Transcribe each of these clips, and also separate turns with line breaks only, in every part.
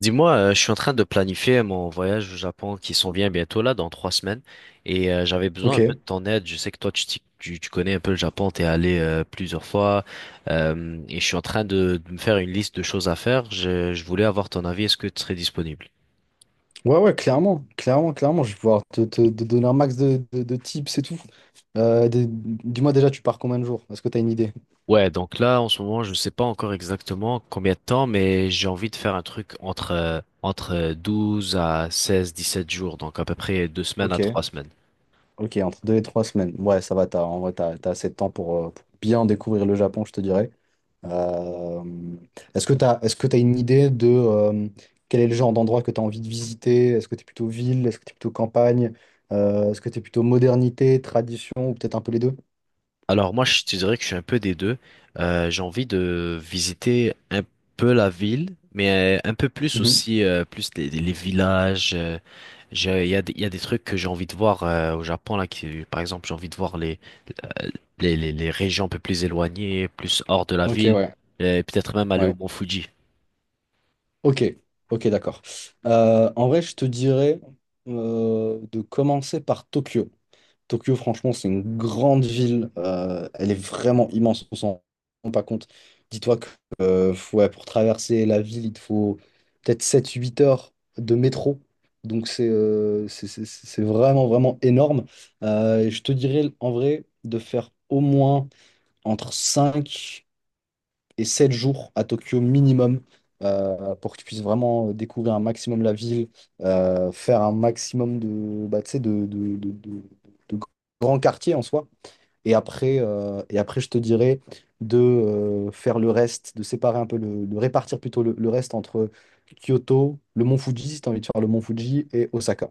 Dis-moi, je suis en train de planifier mon voyage au Japon qui s'en vient bientôt là, dans 3 semaines, et j'avais besoin
Ok.
un peu de
Ouais,
ton aide. Je sais que toi, tu connais un peu le Japon, t'es allé plusieurs fois, et je suis en train de me faire une liste de choses à faire. Je voulais avoir ton avis. Est-ce que tu serais disponible?
ouais, clairement. Clairement, clairement. Je vais pouvoir te, te donner un max de, de tips et tout. Dis-moi déjà, tu pars combien de jours? Est-ce que tu as une idée?
Ouais, donc là, en ce moment, je ne sais pas encore exactement combien de temps, mais j'ai envie de faire un truc entre 12 à 16, 17 jours, donc à peu près 2 semaines à
Ok.
3 semaines.
Ok, entre 2 et 3 semaines. Ouais, ça va, en vrai, t'as assez de temps pour bien découvrir le Japon, je te dirais. Euh, Est-ce que t'as une idée de quel est le genre d'endroit que tu as envie de visiter? Est-ce que tu es plutôt ville? Est-ce que tu es plutôt campagne? Est-ce que tu es plutôt modernité, tradition ou peut-être un peu les deux?
Alors moi, je te dirais que je suis un peu des deux. J'ai envie de visiter un peu la ville, mais un peu plus
Mhm.
aussi, plus les villages. Il y a, il y a des trucs que j'ai envie de voir au Japon, là, qui, par exemple, j'ai envie de voir euh, les régions un peu plus éloignées, plus hors de la
Ok,
ville,
ouais.
et peut-être même aller
Ouais.
au Mont Fuji.
Ok, ok, d'accord. En vrai, je te dirais de commencer par Tokyo. Tokyo, franchement, c'est une grande ville. Elle est vraiment immense. On s'en rend pas compte. Dis-toi que ouais, pour traverser la ville, il te faut peut-être 7, 8 heures de métro. Donc, c'est vraiment, vraiment énorme. Et je te dirais, en vrai, de faire au moins entre 5 et 7 jours à Tokyo minimum, pour que tu puisses vraiment découvrir un maximum la ville, faire un maximum de, bah, tu sais, de grands quartiers en soi. Et après, je te dirais de faire le reste, de séparer un peu, de répartir plutôt le reste entre Kyoto, le mont Fuji, si tu as envie de faire le mont Fuji, et Osaka.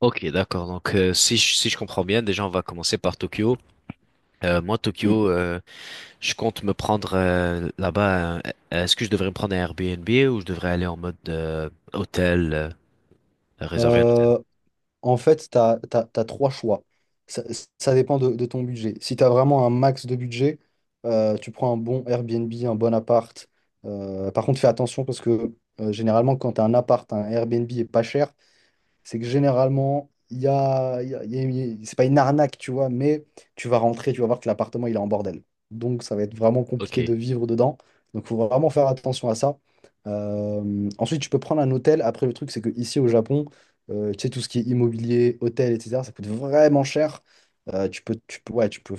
Ok, d'accord. Donc, si si je comprends bien, déjà, on va commencer par Tokyo. Moi,
Mm.
Tokyo, je compte me prendre là-bas. Est-ce que je devrais me prendre un Airbnb ou je devrais aller en mode hôtel, réserver un hôtel?
Euh, En fait, tu as trois choix. Ça, ça dépend de ton budget. Si tu as vraiment un max de budget, tu prends un bon Airbnb, un bon appart. Par contre, fais attention parce que généralement, quand tu as un appart, un Airbnb est pas cher, c'est que généralement, il y a, il y a- il y a- il y a- c'est pas une arnaque, tu vois, mais tu vas rentrer, tu vas voir que l'appartement, il est en bordel. Donc, ça va être vraiment
Ok,
compliqué de vivre dedans. Donc, il faut vraiment faire attention à ça. Ensuite, tu peux prendre un hôtel. Après, le truc, c'est que ici au Japon, tu sais, tout ce qui est immobilier, hôtel, etc., ça coûte vraiment cher. Ouais, tu peux,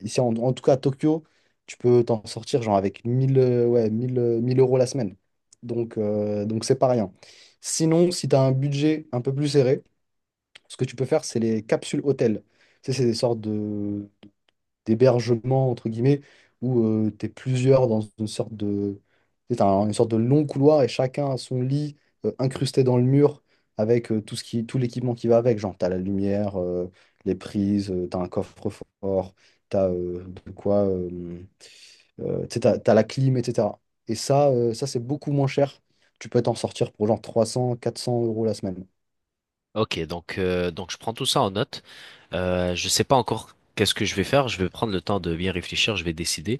ici, en tout cas à Tokyo, tu peux t'en sortir genre avec mille, ouais, mille, 1000 euros la semaine. Donc, donc c'est pas rien. Sinon, si tu as un budget un peu plus serré, ce que tu peux faire, c'est les capsules hôtels. Tu sais, c'est des sortes de d'hébergements, entre guillemets, où tu es plusieurs dans une sorte de, tu sais, une sorte de long couloir et chacun a son lit incrusté dans le mur avec tout l'équipement qui va avec. Genre, tu as la lumière, les prises, t'as tu as un coffre-fort, tu as de quoi, tu sais, t'as la clim, etc. Et ça, ça c'est beaucoup moins cher. Tu peux t'en sortir pour genre 300, 400 euros la semaine.
ok. Donc, je prends tout ça en note. Je sais pas encore qu'est-ce que je vais faire. Je vais prendre le temps de bien réfléchir. Je vais décider.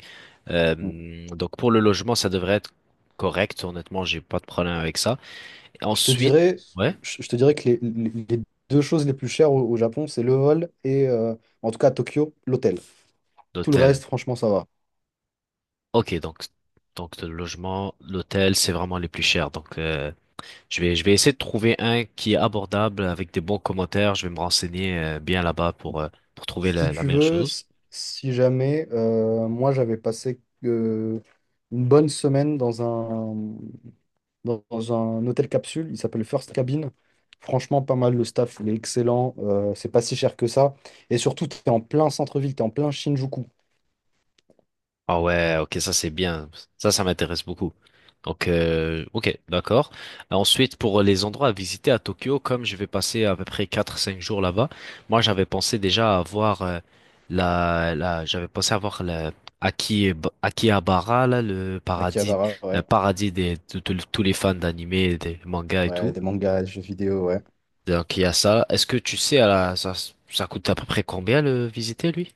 Mm.
Donc, pour le logement, ça devrait être correct. Honnêtement, j'ai pas de problème avec ça.
Je te
Ensuite,
dirais,
ouais,
je te dirais que les deux choses les plus chères au Japon, c'est le vol et, en tout cas à Tokyo, l'hôtel. Tout le
l'hôtel.
reste, franchement, ça va.
Ok, donc le logement, l'hôtel, c'est vraiment les plus chers. Donc je vais essayer de trouver un qui est abordable avec des bons commentaires. Je vais me renseigner bien là-bas pour trouver
Si
la
tu
meilleure
veux,
chose.
si jamais, moi j'avais passé une bonne semaine dans dans un hôtel capsule, il s'appelle First Cabin. Franchement, pas mal, le staff, il est excellent, c'est pas si cher que ça. Et surtout, tu es en plein centre-ville, tu es en plein Shinjuku.
Ah ouais, ok, ça c'est bien. Ça m'intéresse beaucoup. Donc, ok, d'accord. Ensuite, pour les endroits à visiter à Tokyo, comme je vais passer à peu près 4 5 jours là-bas, moi j'avais pensé déjà à voir j'avais pensé à voir la Aki- Akihabara, là, le paradis,
Akihabara,
un
ouais.
paradis de tous les fans d'animé, des mangas et
Ouais,
tout.
des mangas, des jeux vidéo, ouais.
Donc il y a ça. Est-ce que tu sais, ça coûte à peu près combien le visiter, lui?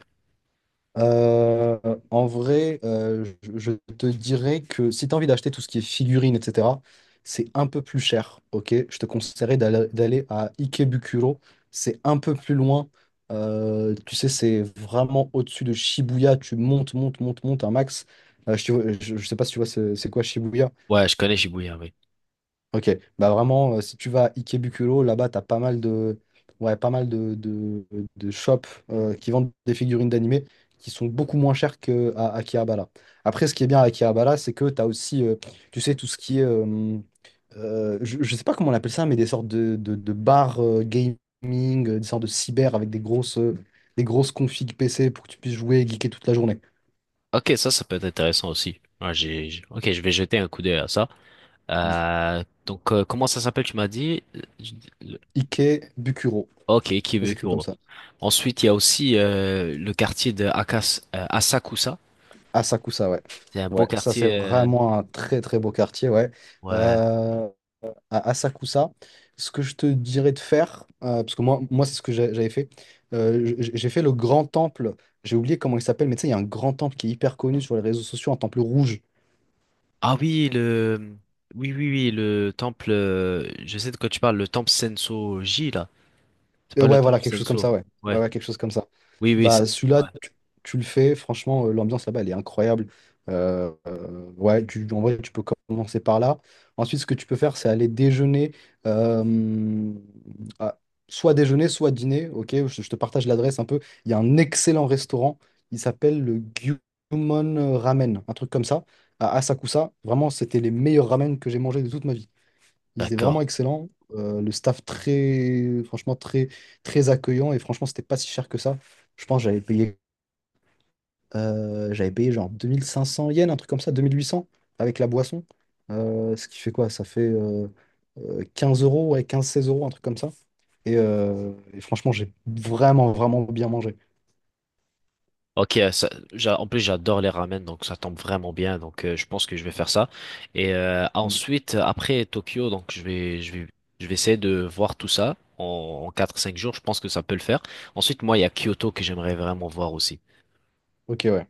Euh, En vrai, je te dirais que si tu as envie d'acheter tout ce qui est figurines, etc., c'est un peu plus cher, ok? Je te conseillerais d'aller à Ikebukuro. C'est un peu plus loin. Tu sais, c'est vraiment au-dessus de Shibuya. Tu montes, montes, montes, montes un max. Je sais pas si tu vois c'est quoi Shibuya.
Ouais, je connais Shibuya, oui.
Ok, bah vraiment, si tu vas à Ikebukuro, là-bas, t'as pas mal de, ouais, pas mal de shops qui vendent des figurines d'animé qui sont beaucoup moins chères qu'à Akihabara. Après, ce qui est bien à Akihabara, c'est que t'as aussi, tu sais, tout ce qui est, je sais pas comment on appelle ça, mais des sortes de bars gaming, des sortes de cyber avec des grosses configs PC pour que tu puisses jouer et geeker toute la journée.
Ok, ça peut être intéressant aussi. Ouais, ok, je vais jeter un coup d'œil à ça. Donc, comment ça s'appelle, tu m'as dit? Le-
Ikebukuro,
Ok,
ça s'écrit comme
Kibukuro.
ça.
Ensuite, il y a aussi le quartier de Asakusa.
À Sakusa, ouais.
C'est un beau
Ouais, ça c'est
quartier.
vraiment un très très beau quartier, ouais.
Ouais.
Euh, à Asakusa, ce que je te dirais de faire, parce que moi, moi c'est ce que j'avais fait, j'ai fait le grand temple, j'ai oublié comment il s'appelle, mais tu sais, il y a un grand temple qui est hyper connu sur les réseaux sociaux, un temple rouge.
Ah oui, le, oui, oui, oui, le temple. Je sais de quoi tu parles. Le temple Sensoji là. C'est pas le
Ouais, voilà,
temple
quelque chose comme
Senso.
ça, ouais. Ouais,
Ouais.
ouais, quelque chose comme ça.
Oui, oui,
Bah,
c'est.
celui-là,
Ouais.
tu le fais, franchement, l'ambiance là-bas, elle est incroyable. Ouais, en vrai, tu peux commencer par là. Ensuite, ce que tu peux faire, c'est aller déjeuner, euh, à- soit déjeuner, soit dîner, ok? Je te partage l'adresse un peu. Il y a un excellent restaurant, il s'appelle le Gyumon Ramen, un truc comme ça, à Asakusa. Vraiment, c'était les meilleurs ramen que j'ai mangés de toute ma vie. Ils étaient vraiment
D'accord.
excellents. Le staff très, franchement, très, très accueillant. Et franchement, c'était pas si cher que ça. Je pense que j'avais payé, genre 2500 yens, un truc comme ça, 2800 avec la boisson. Ce qui fait quoi? Ça fait 15 euros, ouais, 15-16 euros, un truc comme ça. Et franchement, j'ai vraiment, vraiment bien mangé.
Ok, en plus j'adore les ramen, donc ça tombe vraiment bien, donc je pense que je vais faire ça. Et
Mm.
ensuite, après Tokyo, je vais essayer de voir tout ça en 4-5 jours, je pense que ça peut le faire. Ensuite, moi, il y a Kyoto que j'aimerais vraiment voir aussi.
Ok, ouais.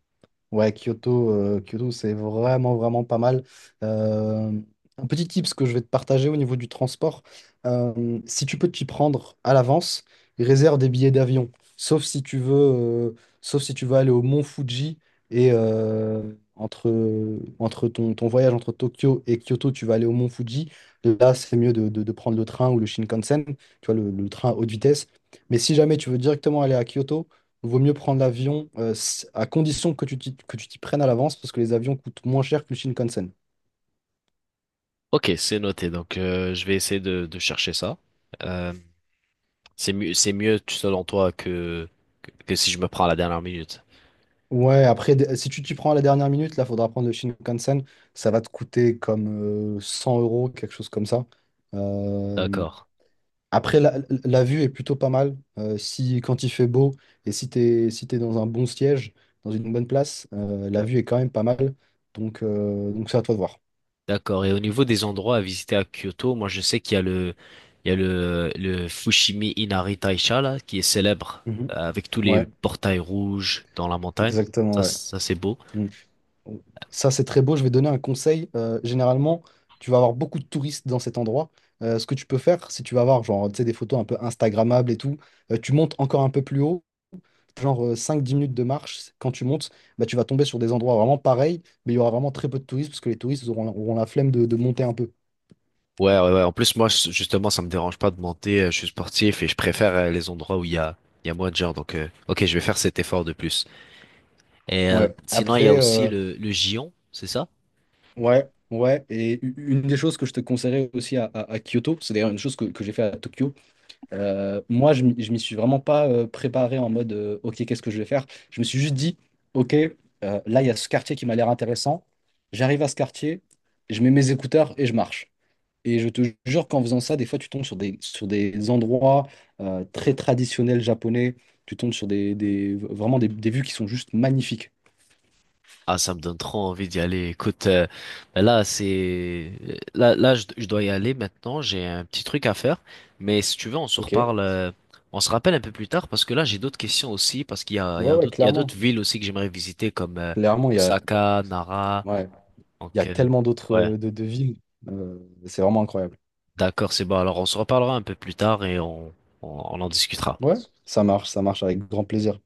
Ouais, Kyoto, c'est vraiment, vraiment pas mal. Euh, un petit tips que je vais te partager au niveau du transport, si tu peux t'y prendre à l'avance, réserve des billets d'avion. Sauf si tu veux, euh, Sauf si tu veux aller au Mont Fuji et entre, entre ton voyage entre Tokyo et Kyoto, tu vas aller au Mont Fuji. Là, c'est mieux de, de prendre le train ou le Shinkansen, tu vois, le train haute vitesse. Mais si jamais tu veux directement aller à Kyoto, vaut mieux prendre l'avion, à condition que tu t'y prennes à l'avance parce que les avions coûtent moins cher que le Shinkansen.
Ok, c'est noté. Donc, je vais essayer de chercher ça. Euh, c'est mieux selon toi que si je me prends à la dernière minute.
Ouais, après, si tu t'y prends à la dernière minute, là, faudra prendre le Shinkansen. Ça va te coûter comme 100 euros, quelque chose comme ça. Euh,
D'accord,
Après, la vue est plutôt pas mal. Si, quand il fait beau et si t'es dans un bon siège, dans une bonne place, la vue est quand même pas mal. Donc, donc c'est à toi de voir.
d'accord. Et au niveau des endroits à visiter à Kyoto, moi je sais qu'il y a le, il y a le Fushimi Inari Taisha là, qui est célèbre
Mhm.
avec tous les
Ouais,
portails rouges dans la montagne.
exactement,
Ça,
ouais.
ça c'est beau.
Mmh. Ça, c'est très beau. Je vais donner un conseil. Généralement, tu vas avoir beaucoup de touristes dans cet endroit. Ce que tu peux faire, si tu vas avoir genre, tu sais, des photos un peu Instagrammables et tout, tu montes encore un peu plus haut, genre 5-10 minutes de marche. Quand tu montes, bah, tu vas tomber sur des endroits vraiment pareils, mais il y aura vraiment très peu de touristes parce que les touristes auront la flemme de monter un peu.
Ouais, ouais, ouais. En plus, moi, justement, ça me dérange pas de monter. Je suis sportif et je préfère les endroits où il y a moins de gens. Donc, ok, je vais faire cet effort de plus. Et
Ouais.
sinon, il y a
Après,
aussi le Gion, c'est ça?
ouais, ouais. Et une des choses que je te conseillerais aussi à Kyoto, c'est d'ailleurs une chose que j'ai fait à Tokyo. Moi, je m'y suis vraiment pas préparé en mode OK, qu'est-ce que je vais faire? Je me suis juste dit OK, là, il y a ce quartier qui m'a l'air intéressant. J'arrive à ce quartier, je mets mes écouteurs et je marche. Et je te jure qu'en faisant ça, des fois, tu tombes sur des endroits très traditionnels japonais. Tu tombes sur vraiment des vues qui sont juste magnifiques.
Ah, ça me donne trop envie d'y aller. Écoute, ben là, c'est là je dois y aller maintenant. J'ai un petit truc à faire. Mais si tu veux, on se
OK. Ouais,
reparle, on se rappelle un peu plus tard parce que là, j'ai d'autres questions aussi. Parce qu'il y a
ouais,
d'autres, il y a
clairement.
d'autres villes aussi que j'aimerais visiter comme
Clairement,
Osaka, Nara.
ouais, il y a
Donc,
tellement d'autres
ouais,
de villes. Euh, c'est vraiment incroyable.
d'accord, c'est bon. Alors, on se reparlera un peu plus tard et on, on en discutera.
Ouais, ça marche avec grand plaisir.